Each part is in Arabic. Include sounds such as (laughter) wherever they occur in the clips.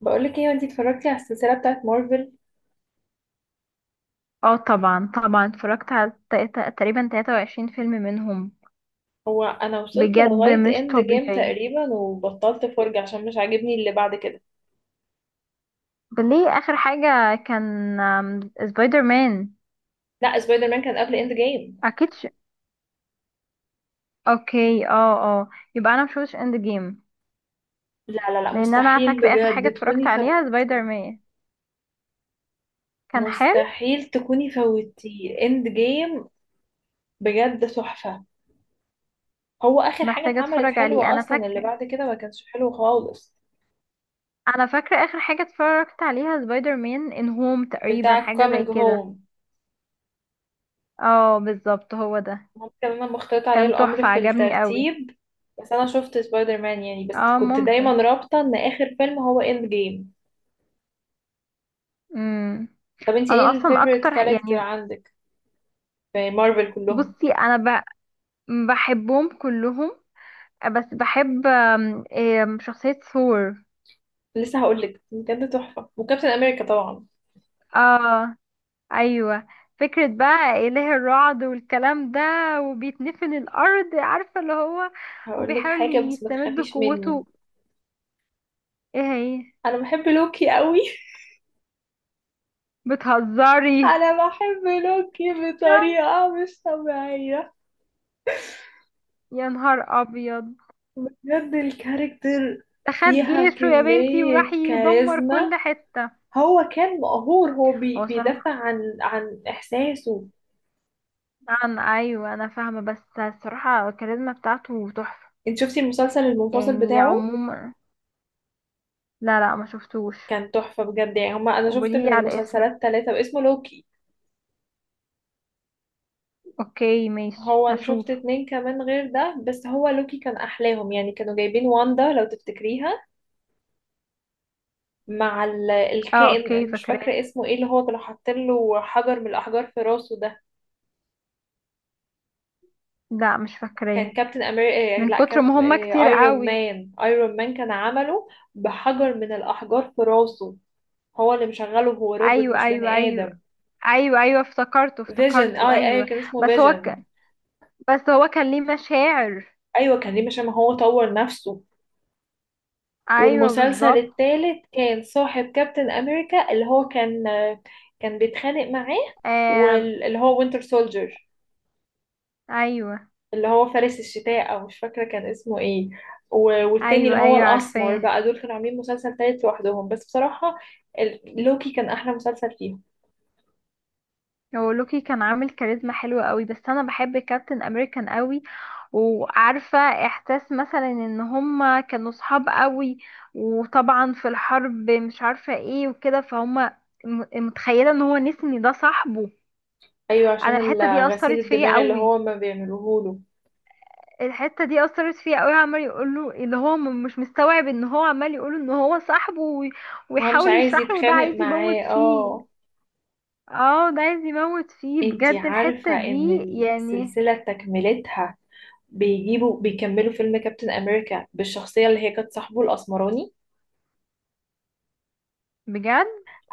بقولك ايه انتي اتفرجتي على السلسلة بتاعت مارفل؟ اه طبعا اتفرجت على تقريبا 23 فيلم منهم. هو انا وصلت بجد لغاية مش اند جيم طبيعي. تقريبا وبطلت فرجة عشان مش عاجبني اللي بعد كده. ليه اخر حاجة كان سبايدر مان. لا، سبايدر مان كان قبل اند جيم. اكيد ش... اوكي، اه. يبقى انا مشوفتش اند جيم، لا لا لا، لان انا مستحيل فاكرة اخر حاجة بجد اتفرجت تكوني عليها فوتي. سبايدر مان. كان حلو. مستحيل تكوني فوتي اند جيم، بجد تحفة. هو اخر حاجة محتاجة اتعملت اتفرج عليه. حلوة انا اصلا، اللي فاكرة، بعد كده ما كانش حلو خالص. انا فاكرة اخر حاجة اتفرجت عليها سبايدر مان ان هوم، تقريبا بتاع حاجة زي كومينج كده. هوم. اه بالظبط هو ده. ممكن انا مختلط عليا كان الامر تحفة، في عجبني قوي. الترتيب، بس انا شفت سبايدر مان يعني، بس اه كنت دايما ممكن. رابطه ان اخر فيلم هو اند جيم. مم. طب انتي ايه انا اصلا الفيفوريت اكتر، كاركتر يعني عندك في مارفل كلهم؟ بصي انا ب- بحبهم كلهم، بس بحب آم، آم، شخصية ثور. لسه هقولك، بجد تحفه، وكابتن امريكا طبعا. اه، ايوه. فكرة بقى اله الرعد والكلام ده، وبيتنفن الارض، عارفة اللي هو هقولك وبيحاول حاجه بس ما يستمد تخافيش مني، قوته. ايه هي؟ انا بحب لوكي قوي. (laughs) بتهزري؟ انا بحب لوكي يا، بطريقه مش طبيعيه، يا نهار ابيض، بجد الكاركتر ده خد فيها جيشه يا بنتي كميه وراح يدمر كاريزما. كل حتة. هو كان مقهور، هو هو صراحة بيدافع عن احساسه. عن ايوه، انا فاهمة، بس الصراحة الكاريزما بتاعته تحفة انت شفتي المسلسل المنفصل يعني بتاعه؟ عموما. لا لا، ما شفتوش. كان تحفة بجد، يعني هما انا شفت وبلي من على الاسم. المسلسلات ثلاثة واسمه لوكي. اوكي ماشي، هو انا هشوف. شفت اتنين كمان غير ده، بس هو لوكي كان احلاهم يعني. كانوا جايبين واندا، لو تفتكريها، مع اه اوكي، الكائن مش فاكراه. فاكرة اسمه ايه، اللي هو كانوا حاطين له حجر من الاحجار في راسه ده. لا مش فاكراه. كان كابتن امريكا، من لا كتر كاب، ما هما كتير ايرون قوي. مان، ايرون مان كان عمله بحجر من الاحجار في راسه. هو اللي مشغله، هو روبوت ايوه مش ايوه بني ايوه، آدم. ايوه ايوه، افتكرته فيجن، اه افتكرته، ايوه ايوه. كان اسمه بس هو ك... فيجن. بس هو كان ليه مشاعر. ايوه كان ليه، عشان ما هو طور نفسه. ايوه والمسلسل بالظبط. التالت كان صاحب كابتن امريكا، اللي هو كان بيتخانق معاه، آم... واللي هو وينتر سولجر، ايوه اللي هو فارس الشتاء او مش فاكره كان اسمه ايه. والتاني اللي ايوه هو ايوه، الاسمر عارفاه. بقى، دول كانوا عاملين مسلسل تالت لوحدهم. بس بصراحه لوكي كان احلى مسلسل فيهم. هو لوكي كان عامل كاريزما حلوة قوي، بس انا بحب كابتن امريكان قوي. وعارفة احساس مثلا ان هما كانوا صحاب قوي، وطبعا في الحرب، مش عارفة ايه وكده، فهما متخيلة ان هو نسني ده صاحبه. ايوه انا عشان الحتة دي غسيل اثرت فيا الدماغ اللي هو قوي. ما بيعملوهوله. الحتة دي اثرت فيا قوي، عمال يقول له اللي هو مش مستوعب ان هو عمال يقول ان هو صاحبه ما هو مش ويحاول عايز يشرح له، ده يتخانق عايز يموت معاه، فيه. اه. اه، ده عايز يموت فيه انتي بجد. عارفة الحتة ان دي يعني السلسلة تكملتها بيجيبوا، بيكملوا فيلم كابتن امريكا بالشخصية اللي هي كانت صاحبه الاسمراني. بجد.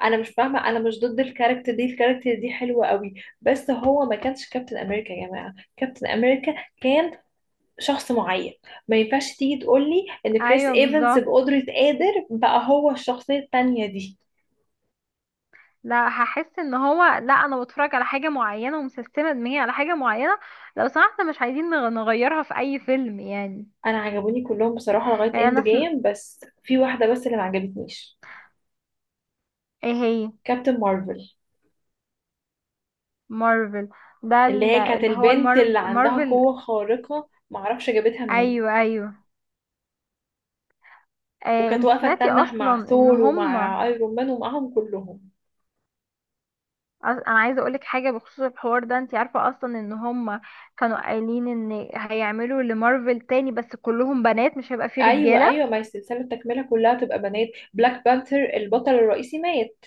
انا مش فاهمة، انا مش ضد الكاركتر دي، الكاركتر دي حلوة قوي. بس هو ما كانش كابتن امريكا يا جماعة، كابتن امريكا كان شخص معين، ما ينفعش تيجي تقولي ان كريس ايوه ايفنس بالظبط. بقدرة قادر بقى هو الشخصية التانية دي. لا، هحس ان هو، لا انا بتفرج على حاجه معينه ومسستمه دماغي على حاجه معينه، لو سمحت مش عايزين نغيرها في اي فيلم يعني. انا عجبوني كلهم بصراحة لغاية يعني اند انا سم... جيم، بس في واحدة بس اللي ما عجبتنيش. ايه هي؟ كابتن مارفل، مارفل. ده اللي هي كانت اللي هو البنت اللي عندها مارفل. قوة خارقة معرفش جابتها منين، ايوه ايوه. آه، وكانت انت واقفة سمعتي تتنح اصلا مع ان ثور هم، ومع ايرون مان ومعهم كلهم. انا عايزه اقولك حاجه بخصوص الحوار ده، انت عارفه اصلا ان هم كانوا قايلين ان هيعملوا لمارفل تاني بس كلهم بنات، مش هيبقى فيه ايوه رجاله. ايوه، ما هي السلسلة التكملة كلها تبقى بنات. بلاك بانثر البطل الرئيسي مات،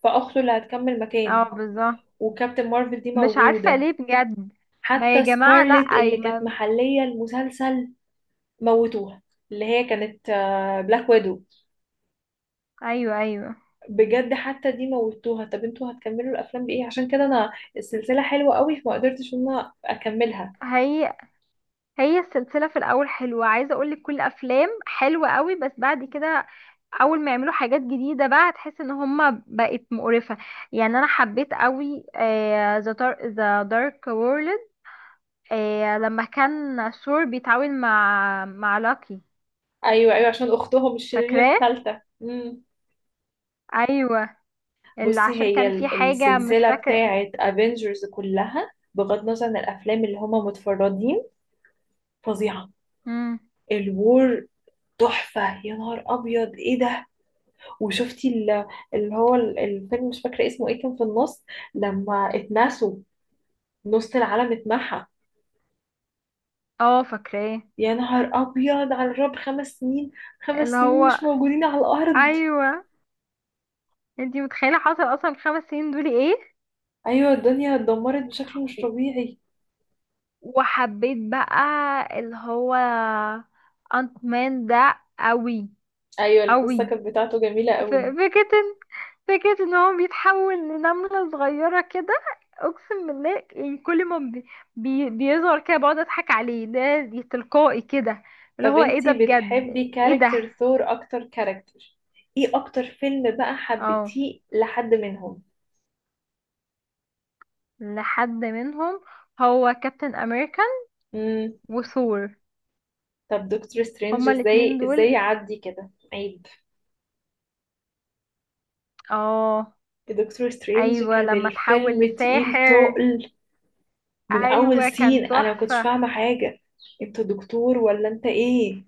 فاخته اللي هتكمل اه مكانه. بالظبط. وكابتن مارفل دي مش عارفة موجودة. ليه بجد. ما يا حتى جماعة، لا سكارلت أي اللي كانت ما. محلية المسلسل موتوها، اللي هي كانت بلاك ويدو، أيوه أيوه. بجد حتى دي موتوها. طب انتوا هتكملوا الافلام بايه؟ عشان كده انا السلسله حلوه قوي فما قدرتش ان انا اكملها. هي هي السلسلة في الأول حلوة، عايزة أقولك كل أفلام حلوة قوي، بس بعد كده أول ما يعملوا حاجات جديدة بقى هتحس إن هما بقت مقرفة. يعني أنا حبيت قوي ذا ذا دارك وورلد لما كان ثور بيتعاون مع لاكي. ايوه ايوه عشان اختهم الشريره فاكراه. الثالثه. أيوه، اللي بصي، عشان هي كان في حاجة مش السلسله فاكرة. بتاعه افنجرز كلها بغض النظر عن الافلام اللي هما متفردين فظيعه. مم. الوور تحفه، يا نهار ابيض ايه ده! وشفتي اللي هو الفيلم مش فاكره اسمه ايه كان في النص، لما اتنسوا، نص العالم اتمحى. اه فاكراه. يا نهار أبيض، على الرب 5 سنين، خمس اللي سنين مش هو، موجودين على الأرض. أيوه. انتي متخيلة حصل اصلا في ال 5 سنين دول ايه؟ أيوة الدنيا اتدمرت بشكل مش طبيعي. وحبيت بقى اللي هو انت مان ده قوي، أيوة القصة قوي. كانت بتاعته جميلة ف- قوي. فكرة ان- فكرة ان هو بيتحول لنملة صغيرة كده، اقسم بالله، يعني كل ما بيظهر كده بقعد اضحك عليه، ده دي تلقائي كده اللي طب هو ايه ده انتي بجد. بتحبي ايه ده؟ كاركتر ثور أكتر كاركتر؟ ايه أكتر فيلم بقى اه، حبيتيه لحد منهم؟ لحد منهم، هو كابتن امريكان مم. وثور، طب دكتور سترينج، هما الاتنين ازاي ازاي دول. يعدي كده عيب. اه. دكتور سترينج ايوه، كان لما الفيلم تحول تقيل لساحر. تقل، من أول ايوه سين كان أنا مكنتش تحفه. فاهمة حاجة. انت دكتور ولا انت ايه؟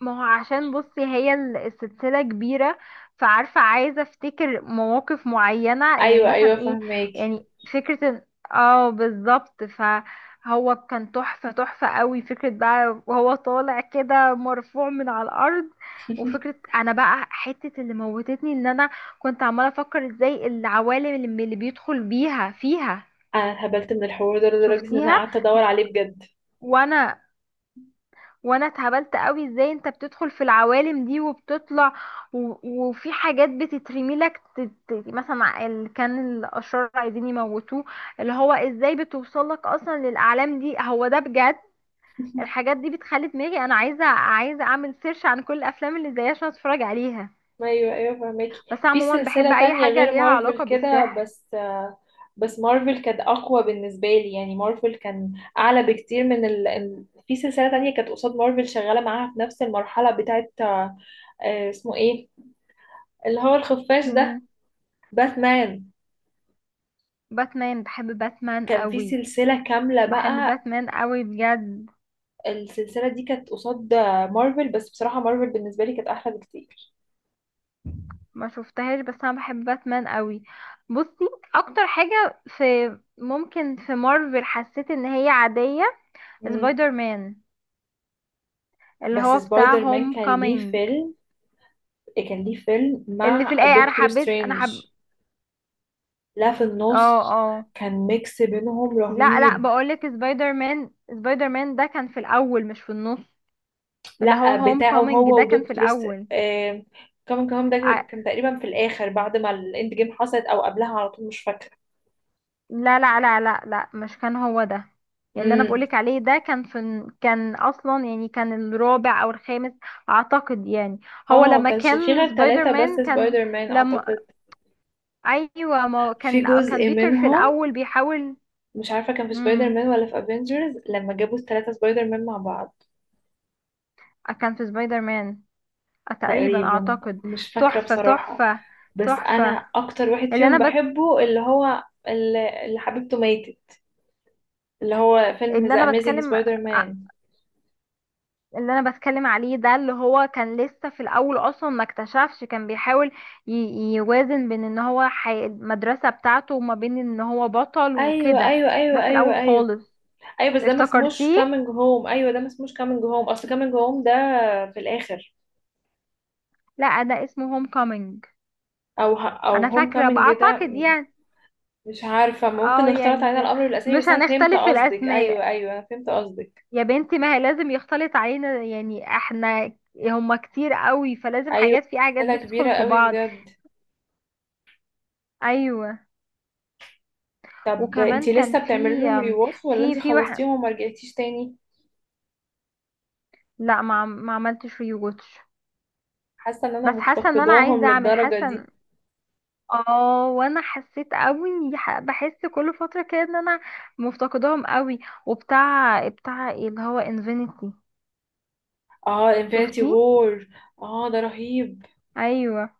ما هو عشان بصي هي السلسله كبيره، فعارفه عايزه افتكر مواقف معينه، يعني ايوه مثلا ايوه ايه فهماكي. يعني. فكره إن- اه بالظبط، فهو كان تحفه، تحفه قوي. فكره بقى وهو طالع كده مرفوع من على الارض، وفكرة (laughs) انا بقى حتة اللي موتتني ان انا كنت عمالة افكر ازاي العوالم اللي اللي بيدخل بيها فيها. انا اتهبلت من الحوار ده لدرجه ان انا شفتيها؟ قعدت ادور عليه بجد. وانا، وانا اتهبلت قوي، ازاي انت بتدخل في العوالم دي وبتطلع، وفي حاجات بتترمي لك، مثلا اللي كان الاشرار عايزين يموتوه، اللي هو ازاي بتوصل لك اصلا للاعلام دي، هو ده بجد. (laughs) الحاجات دي بتخلي دماغي انا عايزه اعمل سيرش عن كل الافلام اللي زيها عشان اتفرج عليها. ايوه ايوه بس فهماكي في عموما سلسله بحب اي تانية حاجه غير ليها مارفل علاقه كده، بالسحر. بس بس مارفل كانت اقوى بالنسبه لي يعني. مارفل كان اعلى بكتير من في سلسله تانية كانت قصاد مارفل شغاله معاها في نفس المرحله بتاعت اسمه ايه اللي هو الخفاش ده؟ مين؟ باتمان. باتمان؟ بحب باتمان كان في قوي. سلسله كامله بحب بقى. باتمان قوي بجد. السلسله دي كانت قصاد مارفل، بس بصراحه مارفل بالنسبه لي كانت احلى بكتير. ما شفتهاش، بس انا بحب باتمان قوي. بصي، اكتر حاجه في، ممكن في مارفل حسيت ان هي عاديه، سبايدر مان اللي بس هو بتاع سبايدر مان هوم كان ليه كومينج. فيلم، كان ليه فيلم اللي في مع الايه، انا دكتور حبيت، انا حب. سترينج. لا في اه النص. اه. كان ميكس بينهم لا لا، رهيب. بقولك سبايدر مان، سبايدر مان ده كان في الاول مش في النص. اللي هو لا هوم بتاعه كومينج هو ده كان في ودكتور الاول. آه... كمان كمان ده كان تقريبا في الاخر بعد ما الاند جيم حصلت او قبلها على طول مش فاكره. لا لا لا لا لا، مش كان هو ده. اللي انا امم، بقولك عليه ده كان في، كان اصلا يعني كان الرابع او الخامس اعتقد يعني. هو اه ما لما كانش في كان غير سبايدر ثلاثة بس مان كان، سبايدر مان لما، اعتقد. ايوه ما هو في كان كان جزء بيتر في منهم الاول بيحاول. مش عارفة كان في سبايدر امم. مان ولا في افنجرز لما جابوا الثلاثة سبايدر مان مع بعض. كان في سبايدر مان تقريبا تقريبا، اعتقد. مش فاكرة تحفة، بصراحة. تحفة، بس تحفة. انا اكتر واحد اللي فيهم انا بت... بحبه اللي هو اللي حبيبته ماتت، اللي هو فيلم اللي ذا انا اميزنج بتكلم سبايدر مان. اللي انا بتكلم عليه ده، اللي هو كان لسه في الاول، اصلا ما اكتشفش، كان بيحاول يوازن بين ان هو المدرسة بتاعته وما بين ان هو بطل ايوه وكده. ايوه ده ايوه في ايوه الاول ايوه. خالص. ايوه بس ده ما اسموش افتكرتيه. كامينج هوم، ايوه ده ما اسموش كامينج هوم، اصل كامينج هوم ده في الاخر. لا، ده اسمه هوم كومينج. او او انا هوم فاكرة بقى كامينج ده اعتقد يعني. مش عارفه، ممكن اه اختلط علينا يعني الامر والاسامي، مش بس انا فهمت هنختلف في قصدك ايوه الاسماء ايوه انا فهمت قصدك. يا بنتي، ما هي لازم يختلط علينا، يعني احنا هما كتير قوي، فلازم ايوه حاجات في حاجات سلسله بتدخل كبيره في قوي بعض. بجد. ايوه. طب وكمان انتي كان لسه بتعملي في، لهم ريواتش ولا في انتي في واحد. خلصتيهم وما رجعتيش تاني؟ لا، ما عملتش ريوتش. حاسه ان انا بس حاسه ان انا مفتقداهم عايزه اعمل، للدرجه دي. اه وانا حسيت قوي، بحس كل فتره كده ان انا مفتقداهم قوي. وبتاع ايه اللي هو انفينيتي؟ اه انفينيتي شفتيه؟ وور. اه ده رهيب. ايوه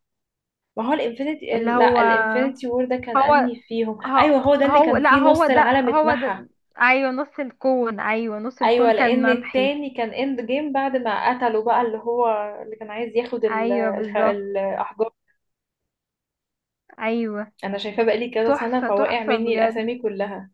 ما هو الانفينيتي، اللي هو. لا الانفينيتي وور ده كان هو انهي فيهم؟ هو, ايوه هو ده اللي هو كان لا، فيه هو نص ده، العالم هو اتمحى. ده. ايوه نص الكون، ايوه نص ايوه الكون كان لان ممحي. التاني كان اند جيم، بعد ما قتله بقى اللي هو اللي كان عايز ياخد ايوه بالظبط. الاحجار. ايوه. انا شايفاه بقالي كذا سنه تحفه، فواقع تحفه مني بجد. الاسامي كلها.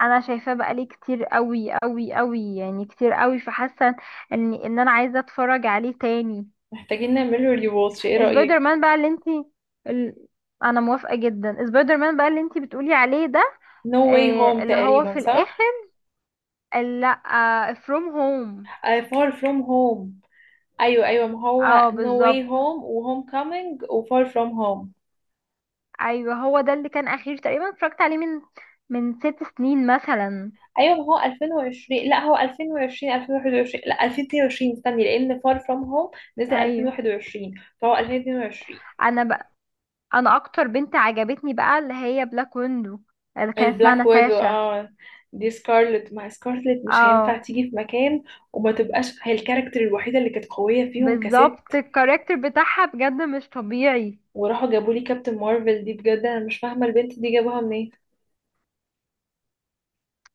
انا شايفاه بقالي كتير قوي قوي قوي، يعني كتير قوي، فحاسه ان انا عايزه اتفرج عليه تاني. محتاجين نعمله ريواتش، ايه سبايدر رايك؟ مان بقى اللي انتي، ال... انا موافقه جدا، سبايدر مان بقى اللي انتي بتقولي عليه ده. نو واي آه هوم اللي هو تقريبا، في الاخر، صح؟ لا فروم هوم. Far from home. ايوه ايوه، ما هو اه No Way بالظبط. Home و Homecoming و Far From Home. ايوه هو ده اللي كان اخير، تقريبا اتفرجت عليه من، من 6 سنين مثلا. ايوه ما هو 2020، لا هو 2020 2021، لا 2022 استني لان Far From Home نزل ايوه. 2021 فهو 2022. انا بقى، انا اكتر بنت عجبتني بقى اللي هي بلاك ويندو، اللي كان اسمها البلاك ويدو، ناتاشا. اه دي سكارلت، مع سكارلت مش هينفع اه تيجي في مكان وما تبقاش هي الكاركتر الوحيدة اللي كانت قوية فيهم بالظبط، كست. الكاركتر بتاعها بجد مش طبيعي. وراحوا جابوا لي كابتن مارفل دي، بجد انا مش فاهمة البنت دي جابوها منين.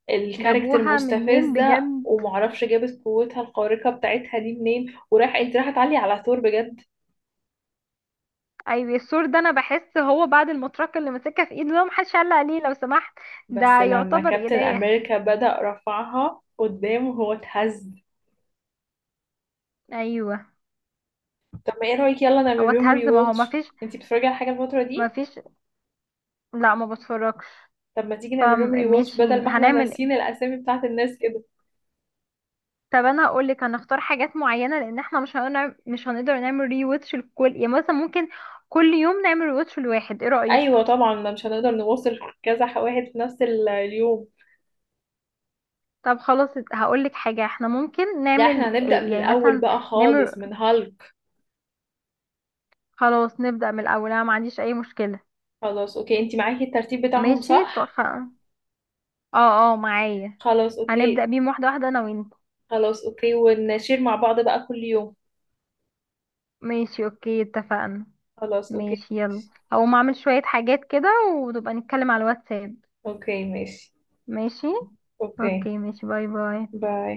الكاركتر جابوها منين مستفزة بجد. ومعرفش جابت قوتها الخارقة بتاعتها دي منين، وراح انت راح تعلي على ثور؟ بجد. ايوه السور ده، انا بحس هو بعد المطرقه اللي ماسكها في ايده ده، محدش علق عليه لو سمحت. ده بس لما يعتبر كابتن اله. امريكا بدأ رفعها قدامه هو اتهز. ايوه. طب ما ايه رأيك يلا هو نعمل لهم ري اتهز. ما هو واتش؟ مفيش، انتي بتتفرجي على حاجة الفترة دي؟ مفيش. لا ما بتفرجش. طب ما تيجي نعمل لهم ري واتش فماشي بدل ما احنا هنعمل إيه؟ ناسيين الاسامي بتاعت الناس كده. طب انا هقول لك، هنختار حاجات معينه، لان احنا مش هنقدر، مش هنقدر نعمل ري واتش لكل، يعني مثلا ممكن كل يوم نعمل ري واتش لواحد، ايه رايك؟ ايوه طبعا، ما مش هنقدر نوصل كذا واحد في نفس اليوم. طب خلاص هقول لك حاجة، احنا ممكن لا احنا نعمل هنبدأ إيه؟ من يعني الاول مثلا بقى نعمل، خالص من هالك. خلاص نبدأ من الأول، انا ما عنديش أي مشكلة. خلاص اوكي، انتي معاكي الترتيب بتاعهم ماشي، صح؟ اه اه معايا. خلاص هنبدأ اوكي. بيهم واحدة واحدة انا وانت. خلاص اوكي ونشير مع بعض بقى كل يوم. ماشي اوكي، اتفقنا. خلاص اوكي ماشي يلا، ماشي. هقوم اعمل شوية حاجات كده ونبقى نتكلم على الواتساب. اوكي ماشي ماشي. اوكي. اوكي ماشي، باي باي. باي.